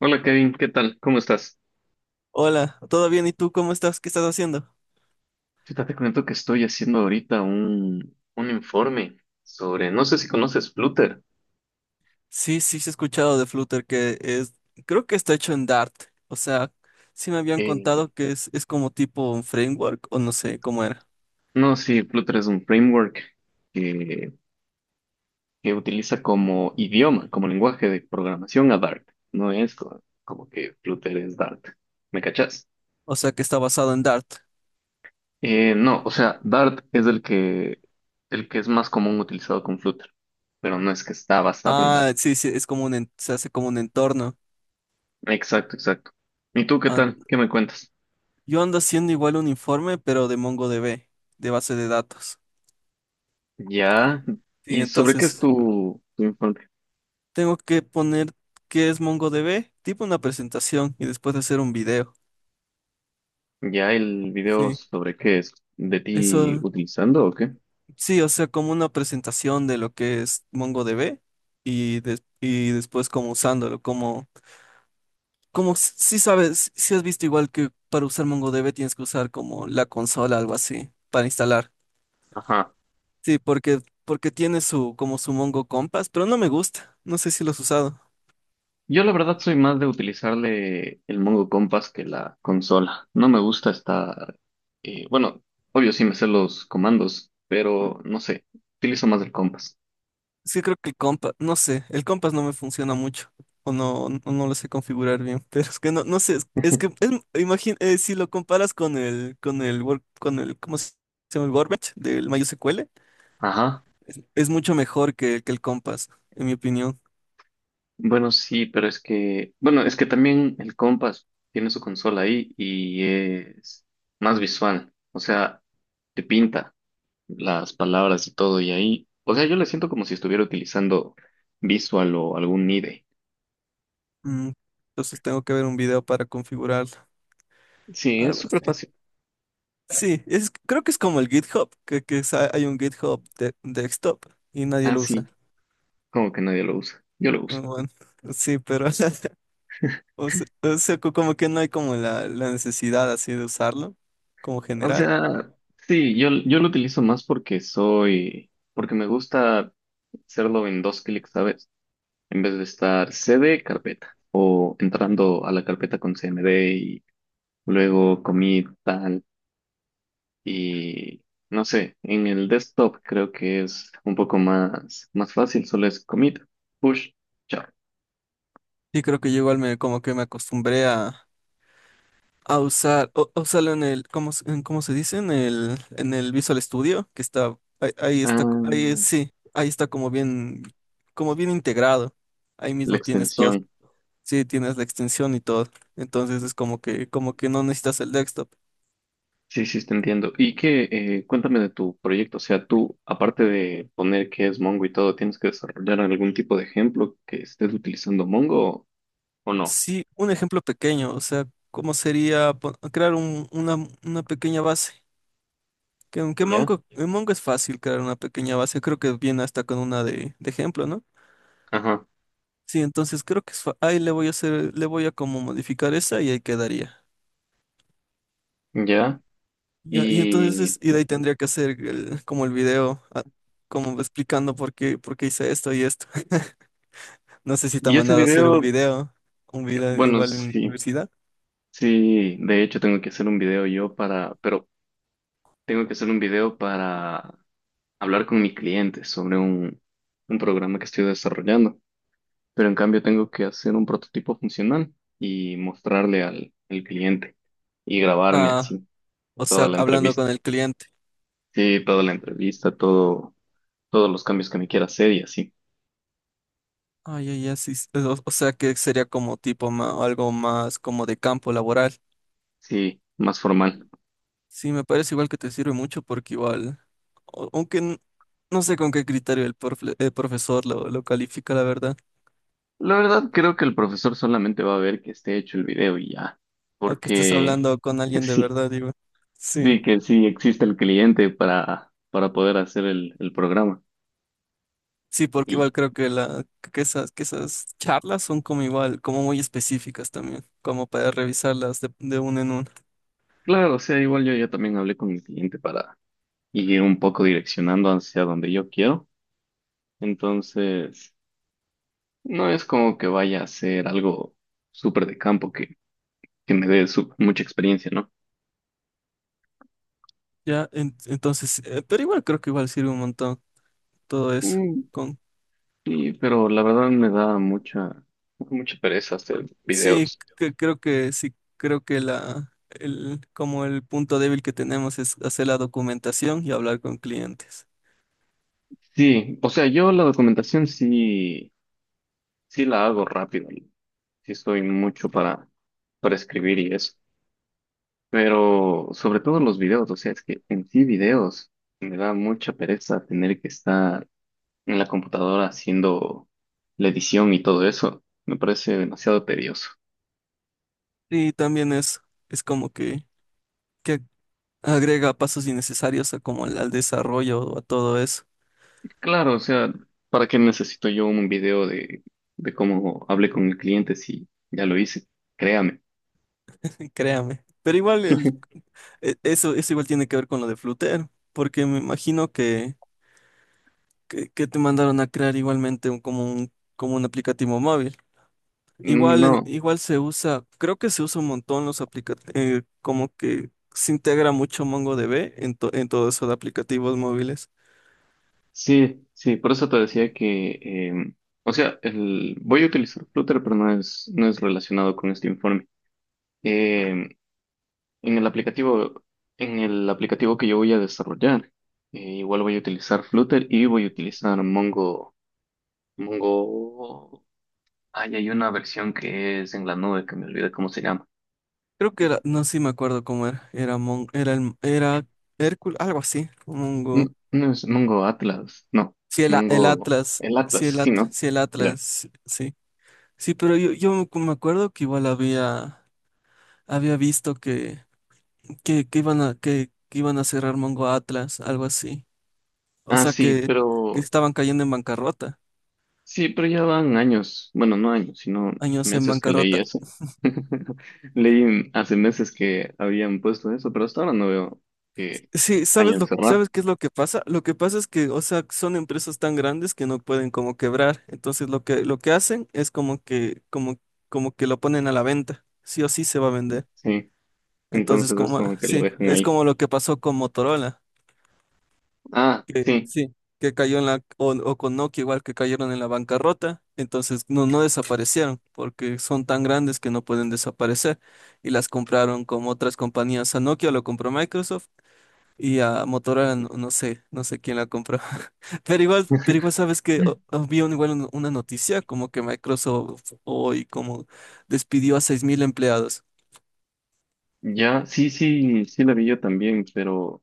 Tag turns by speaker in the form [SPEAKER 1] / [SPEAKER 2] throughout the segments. [SPEAKER 1] Hola Kevin, ¿qué tal? ¿Cómo estás?
[SPEAKER 2] Hola, ¿todo bien? ¿Y tú cómo estás? ¿Qué estás haciendo?
[SPEAKER 1] Chuta, te comento que estoy haciendo ahorita un informe sobre, no sé si conoces Flutter.
[SPEAKER 2] Sí, sí, sí he escuchado de Flutter que es, creo que está hecho en Dart. O sea, sí me habían
[SPEAKER 1] Eh,
[SPEAKER 2] contado que es como tipo un framework o no sé cómo era.
[SPEAKER 1] no, sí, Flutter es un framework que, que utiliza como idioma, como lenguaje de programación a Dart. No es como que Flutter es Dart. ¿Me cachas?
[SPEAKER 2] O sea, que está basado en Dart.
[SPEAKER 1] No, o sea, Dart es el el que es más común utilizado con Flutter, pero no es que está basado en Dart.
[SPEAKER 2] Ah, sí, sí, es como se hace como un entorno.
[SPEAKER 1] Exacto, exacto. ¿Y tú qué
[SPEAKER 2] Ah,
[SPEAKER 1] tal? ¿Qué me cuentas?
[SPEAKER 2] yo ando haciendo igual un informe, pero de MongoDB, de base de datos.
[SPEAKER 1] Ya.
[SPEAKER 2] Sí,
[SPEAKER 1] ¿Y sobre qué es
[SPEAKER 2] entonces
[SPEAKER 1] tu infancia?
[SPEAKER 2] tengo que poner qué es MongoDB, tipo una presentación y después hacer un video.
[SPEAKER 1] ¿Ya el video
[SPEAKER 2] Sí,
[SPEAKER 1] sobre qué es? ¿De ti
[SPEAKER 2] eso.
[SPEAKER 1] utilizando o qué?
[SPEAKER 2] Sí, o sea, como una presentación de lo que es MongoDB y después como usándolo, como si sabes, si has visto igual que para usar MongoDB tienes que usar como la consola, algo así, para instalar.
[SPEAKER 1] Ajá.
[SPEAKER 2] Sí, porque tiene su, como su Mongo Compass, pero no me gusta, no sé si lo has usado.
[SPEAKER 1] Yo la verdad soy más de utilizarle el Mongo Compass que la consola. No me gusta estar... eh, bueno, obvio sí me sé los comandos, pero no sé, utilizo más el Compass.
[SPEAKER 2] Sí, creo que el compa, no sé, el compás no me funciona mucho, o no lo sé configurar bien, pero es que no sé, imagina, si lo comparas con el, con el, ¿cómo se llama? El Workbench del MySQL,
[SPEAKER 1] Ajá.
[SPEAKER 2] es mucho mejor que el compás, en mi opinión.
[SPEAKER 1] Bueno, sí, pero es que... Bueno, es que también el Compass tiene su consola ahí y es más visual. O sea, te pinta las palabras y todo, y ahí, o sea, yo la siento como si estuviera utilizando Visual o algún IDE.
[SPEAKER 2] Mm, entonces tengo que ver un video para configurarlo,
[SPEAKER 1] Sí, es
[SPEAKER 2] algo
[SPEAKER 1] súper
[SPEAKER 2] así.
[SPEAKER 1] fácil.
[SPEAKER 2] Sí, creo que es como el GitHub, que hay un GitHub de desktop y nadie
[SPEAKER 1] Ah,
[SPEAKER 2] lo usa.
[SPEAKER 1] sí, como que nadie lo usa. Yo lo
[SPEAKER 2] Ah,
[SPEAKER 1] uso.
[SPEAKER 2] bueno, sí, pero. O sea, como que no hay como la necesidad así de usarlo, como
[SPEAKER 1] O
[SPEAKER 2] general.
[SPEAKER 1] sea, sí, yo lo utilizo más porque soy, porque me gusta hacerlo en dos clics, ¿sabes? En vez de estar c d carpeta, o entrando a la carpeta con CMD y luego commit, tal. Y no sé, en el desktop creo que es un poco más, más fácil, solo es commit, push, chao.
[SPEAKER 2] Y creo que yo igual como que me acostumbré a usar, o, a usarlo en el, ¿cómo se dice? En el Visual Studio, que está, ahí, ahí está, ahí
[SPEAKER 1] Ah,
[SPEAKER 2] sí, ahí está como bien integrado. Ahí
[SPEAKER 1] la
[SPEAKER 2] mismo tienes todo.
[SPEAKER 1] extensión.
[SPEAKER 2] Sí, tienes la extensión y todo. Entonces es como que no necesitas el desktop.
[SPEAKER 1] Sí, sí, te entiendo. Y que cuéntame de tu proyecto. O sea, tú, aparte de poner que es Mongo y todo, ¿tienes que desarrollar algún tipo de ejemplo que estés utilizando Mongo o no?
[SPEAKER 2] Sí, un ejemplo pequeño, o sea, ¿cómo sería crear una pequeña base? Que
[SPEAKER 1] ¿Ya?
[SPEAKER 2] Mongo, en Mongo es fácil crear una pequeña base, creo que viene hasta con una de ejemplo, ¿no?
[SPEAKER 1] Ajá,
[SPEAKER 2] Sí, entonces creo que ahí le voy a hacer, le voy a como modificar esa y ahí quedaría.
[SPEAKER 1] ya.
[SPEAKER 2] Ya, y entonces
[SPEAKER 1] Y,
[SPEAKER 2] y de ahí tendría que hacer como el video, como explicando por qué hice esto y esto. No sé si te ha
[SPEAKER 1] y ese
[SPEAKER 2] mandado a hacer un
[SPEAKER 1] video,
[SPEAKER 2] video, un video
[SPEAKER 1] bueno,
[SPEAKER 2] igual en la
[SPEAKER 1] sí,
[SPEAKER 2] universidad.
[SPEAKER 1] sí, de hecho tengo que hacer un video yo para, pero tengo que hacer un video para hablar con mi cliente sobre un programa que estoy desarrollando, pero en cambio tengo que hacer un prototipo funcional y mostrarle al, al cliente y grabarme
[SPEAKER 2] Ah,
[SPEAKER 1] así
[SPEAKER 2] o
[SPEAKER 1] toda
[SPEAKER 2] sea,
[SPEAKER 1] la
[SPEAKER 2] hablando
[SPEAKER 1] entrevista.
[SPEAKER 2] con el cliente.
[SPEAKER 1] Sí, toda la entrevista, todo, todos los cambios que me quiera hacer y así.
[SPEAKER 2] Ay, ay, ay, sí, sí, o sea que sería como tipo algo más como de campo laboral.
[SPEAKER 1] Sí, más formal.
[SPEAKER 2] Sí, me parece igual que te sirve mucho porque igual, aunque no sé con qué criterio el profesor lo califica, la verdad,
[SPEAKER 1] La verdad creo que el profesor solamente va a ver que esté hecho el video y ya,
[SPEAKER 2] o que estés
[SPEAKER 1] porque
[SPEAKER 2] hablando con alguien de
[SPEAKER 1] sí,
[SPEAKER 2] verdad, digo. Sí,
[SPEAKER 1] sí que sí existe el cliente para poder hacer el programa.
[SPEAKER 2] sí, porque
[SPEAKER 1] Y
[SPEAKER 2] igual creo que esas charlas son como igual, como muy específicas también, como para revisarlas de uno en uno.
[SPEAKER 1] claro, o sea, igual yo ya también hablé con mi cliente para ir un poco direccionando hacia donde yo quiero. Entonces, no es como que vaya a ser algo súper de campo que me dé su- mucha experiencia, ¿no?
[SPEAKER 2] Ya, entonces, pero igual creo que igual sirve un montón todo eso.
[SPEAKER 1] Mm, y pero la verdad me da mucha, mucha pereza hacer
[SPEAKER 2] Sí,
[SPEAKER 1] videos.
[SPEAKER 2] creo que sí, creo que como el punto débil que tenemos es hacer la documentación y hablar con clientes.
[SPEAKER 1] Sí, o sea, yo la documentación sí, sí la hago rápido. Sí estoy mucho para escribir y eso. Pero sobre todo los videos, o sea, es que en sí videos me da mucha pereza tener que estar en la computadora haciendo la edición y todo eso. Me parece demasiado tedioso.
[SPEAKER 2] Sí, también es como que agrega pasos innecesarios a como al desarrollo o a todo eso,
[SPEAKER 1] Claro, o sea, ¿para qué necesito yo un video de cómo hablé con el cliente si ya lo hice? Créame.
[SPEAKER 2] créame. Pero igual eso igual tiene que ver con lo de Flutter, porque me imagino que te mandaron a crear igualmente como un aplicativo móvil.
[SPEAKER 1] Mm,
[SPEAKER 2] Igual,
[SPEAKER 1] no,
[SPEAKER 2] igual se usa, creo que se usa un montón los aplicativos, como que se integra mucho MongoDB en todo eso de aplicativos móviles.
[SPEAKER 1] sí, sí, por eso te decía que, o sea, el, voy a utilizar Flutter, pero no es, no es relacionado con este informe. Em, En el aplicativo, en el aplicativo que yo voy a desarrollar, igual voy a utilizar Flutter y voy a utilizar Mongo. Mongo. Ay, hay una versión que es en la nube que me olvidé cómo se llama.
[SPEAKER 2] Creo que era, no sé sí me acuerdo cómo era, era Hércules, algo así, Mongo.
[SPEAKER 1] N- No, es Mongo Atlas, no.
[SPEAKER 2] Sí, el
[SPEAKER 1] Mongo.
[SPEAKER 2] Atlas,
[SPEAKER 1] El Atlas,
[SPEAKER 2] sí,
[SPEAKER 1] sí, ¿no?
[SPEAKER 2] Sí, el
[SPEAKER 1] Ya.
[SPEAKER 2] Atlas, sí. Sí, pero yo me acuerdo que igual había visto que iban a cerrar Mongo Atlas, algo así. O
[SPEAKER 1] Ah,
[SPEAKER 2] sea
[SPEAKER 1] sí,
[SPEAKER 2] que
[SPEAKER 1] pero.
[SPEAKER 2] estaban cayendo en bancarrota.
[SPEAKER 1] Sí, pero ya van años. Bueno, no años, sino
[SPEAKER 2] Años en
[SPEAKER 1] meses que leí
[SPEAKER 2] bancarrota.
[SPEAKER 1] eso. Leí hace meses que habían puesto eso, pero hasta ahora no veo que
[SPEAKER 2] Sí,
[SPEAKER 1] hayan cerrado.
[SPEAKER 2] sabes qué es lo que pasa? Lo que pasa es que, o sea, son empresas tan grandes que no pueden como quebrar. Entonces lo que hacen es como que lo ponen a la venta. Sí o sí se va a vender.
[SPEAKER 1] Sí.
[SPEAKER 2] Entonces,
[SPEAKER 1] Entonces es como que lo
[SPEAKER 2] sí,
[SPEAKER 1] dejan
[SPEAKER 2] es
[SPEAKER 1] ahí.
[SPEAKER 2] como lo que pasó con Motorola,
[SPEAKER 1] Ah,
[SPEAKER 2] que
[SPEAKER 1] sí.
[SPEAKER 2] sí, que cayó o con Nokia igual que cayeron en la bancarrota. Entonces, no, desaparecieron porque son tan grandes que no pueden desaparecer. Y las compraron como otras compañías. A Nokia lo compró Microsoft. Y a Motorola no, no sé quién la compró. Pero igual sabes que había igual una noticia como que Microsoft hoy como despidió a 6.000 empleados.
[SPEAKER 1] Ya, sí, sí, sí la vi yo también,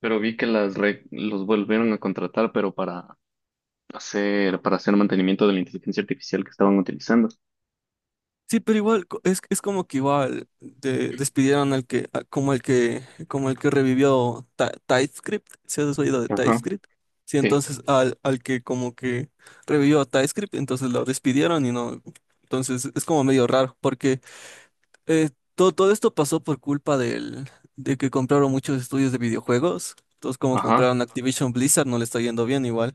[SPEAKER 1] pero vi que las re- los volvieron a contratar, pero para hacer mantenimiento de la inteligencia artificial que estaban utilizando.
[SPEAKER 2] Sí, pero igual es como que igual despidieron al que a- como el que revivió TypeScript, si has oído de
[SPEAKER 1] Ajá,
[SPEAKER 2] TypeScript. Sí,
[SPEAKER 1] sí,
[SPEAKER 2] entonces al que como que revivió a TypeScript, entonces lo despidieron y no, entonces es como medio raro porque. Eh, todo esto pasó por culpa de que compraron muchos estudios de videojuegos. Entonces, como
[SPEAKER 1] ajá,
[SPEAKER 2] compraron Activision Blizzard, no le está yendo bien igual.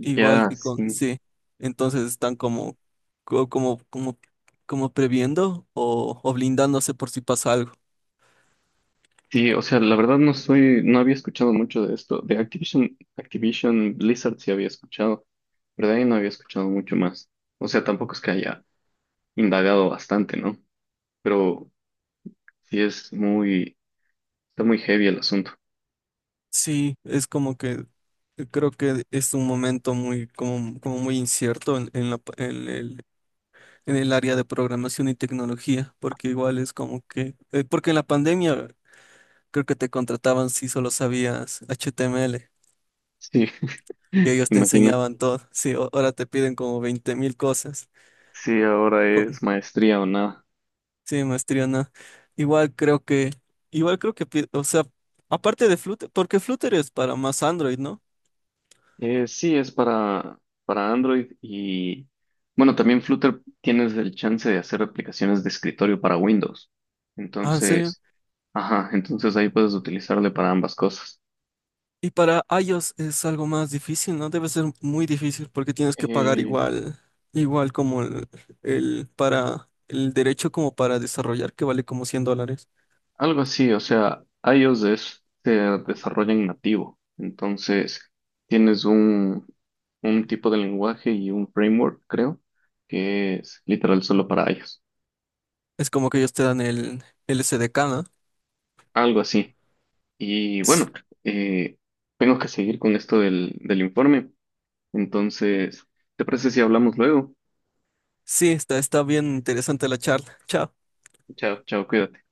[SPEAKER 2] Igual,
[SPEAKER 1] ya,
[SPEAKER 2] y con,
[SPEAKER 1] sí.
[SPEAKER 2] sí. Entonces están como, co- como, como, como previendo o blindándose por si pasa algo.
[SPEAKER 1] Sí, o sea, la verdad no soy, no había escuchado mucho de esto. De Activision, Activision Blizzard sí había escuchado, pero de ahí no había escuchado mucho más. O sea, tampoco es que haya indagado bastante, ¿no? Pero sí es muy... Está muy heavy el asunto.
[SPEAKER 2] Sí, es como que creo que es un momento muy, como muy incierto en la pa- en el área de programación y tecnología, porque igual es como que, porque en la pandemia. Creo que te contrataban si solo sabías HTML
[SPEAKER 1] Sí,
[SPEAKER 2] y ellos te
[SPEAKER 1] imagínate.
[SPEAKER 2] enseñaban todo. Sí, ahora te piden como 20 mil cosas.
[SPEAKER 1] Sí, ahora
[SPEAKER 2] Co-
[SPEAKER 1] es maestría o nada.
[SPEAKER 2] Sí, maestría, no. Igual creo que, igual creo que, o sea, aparte de Flutter, porque Flutter es para más Android, ¿no?
[SPEAKER 1] Sí, es para Android y bueno, también Flutter tienes el chance de hacer aplicaciones de escritorio para Windows.
[SPEAKER 2] Ah, ¿en serio?
[SPEAKER 1] Entonces, ajá, entonces ahí puedes utilizarle para ambas cosas.
[SPEAKER 2] Y para iOS es algo más difícil, ¿no? Debe ser muy difícil porque tienes que pagar
[SPEAKER 1] Eh,
[SPEAKER 2] igual como el para el derecho como para desarrollar que vale como $100.
[SPEAKER 1] Algo así, o sea, iOS es- se desarrolla en nativo, entonces tienes un tipo de lenguaje y un framework, creo, que es literal solo para iOS,
[SPEAKER 2] Es como que ellos te dan el SDK, ¿no?
[SPEAKER 1] algo así. Y bueno, eh, tengo que seguir con esto del, del informe, entonces, ¿te parece si hablamos luego?
[SPEAKER 2] Sí, está bien interesante la charla. Chao.
[SPEAKER 1] Chao, chao, cuídate.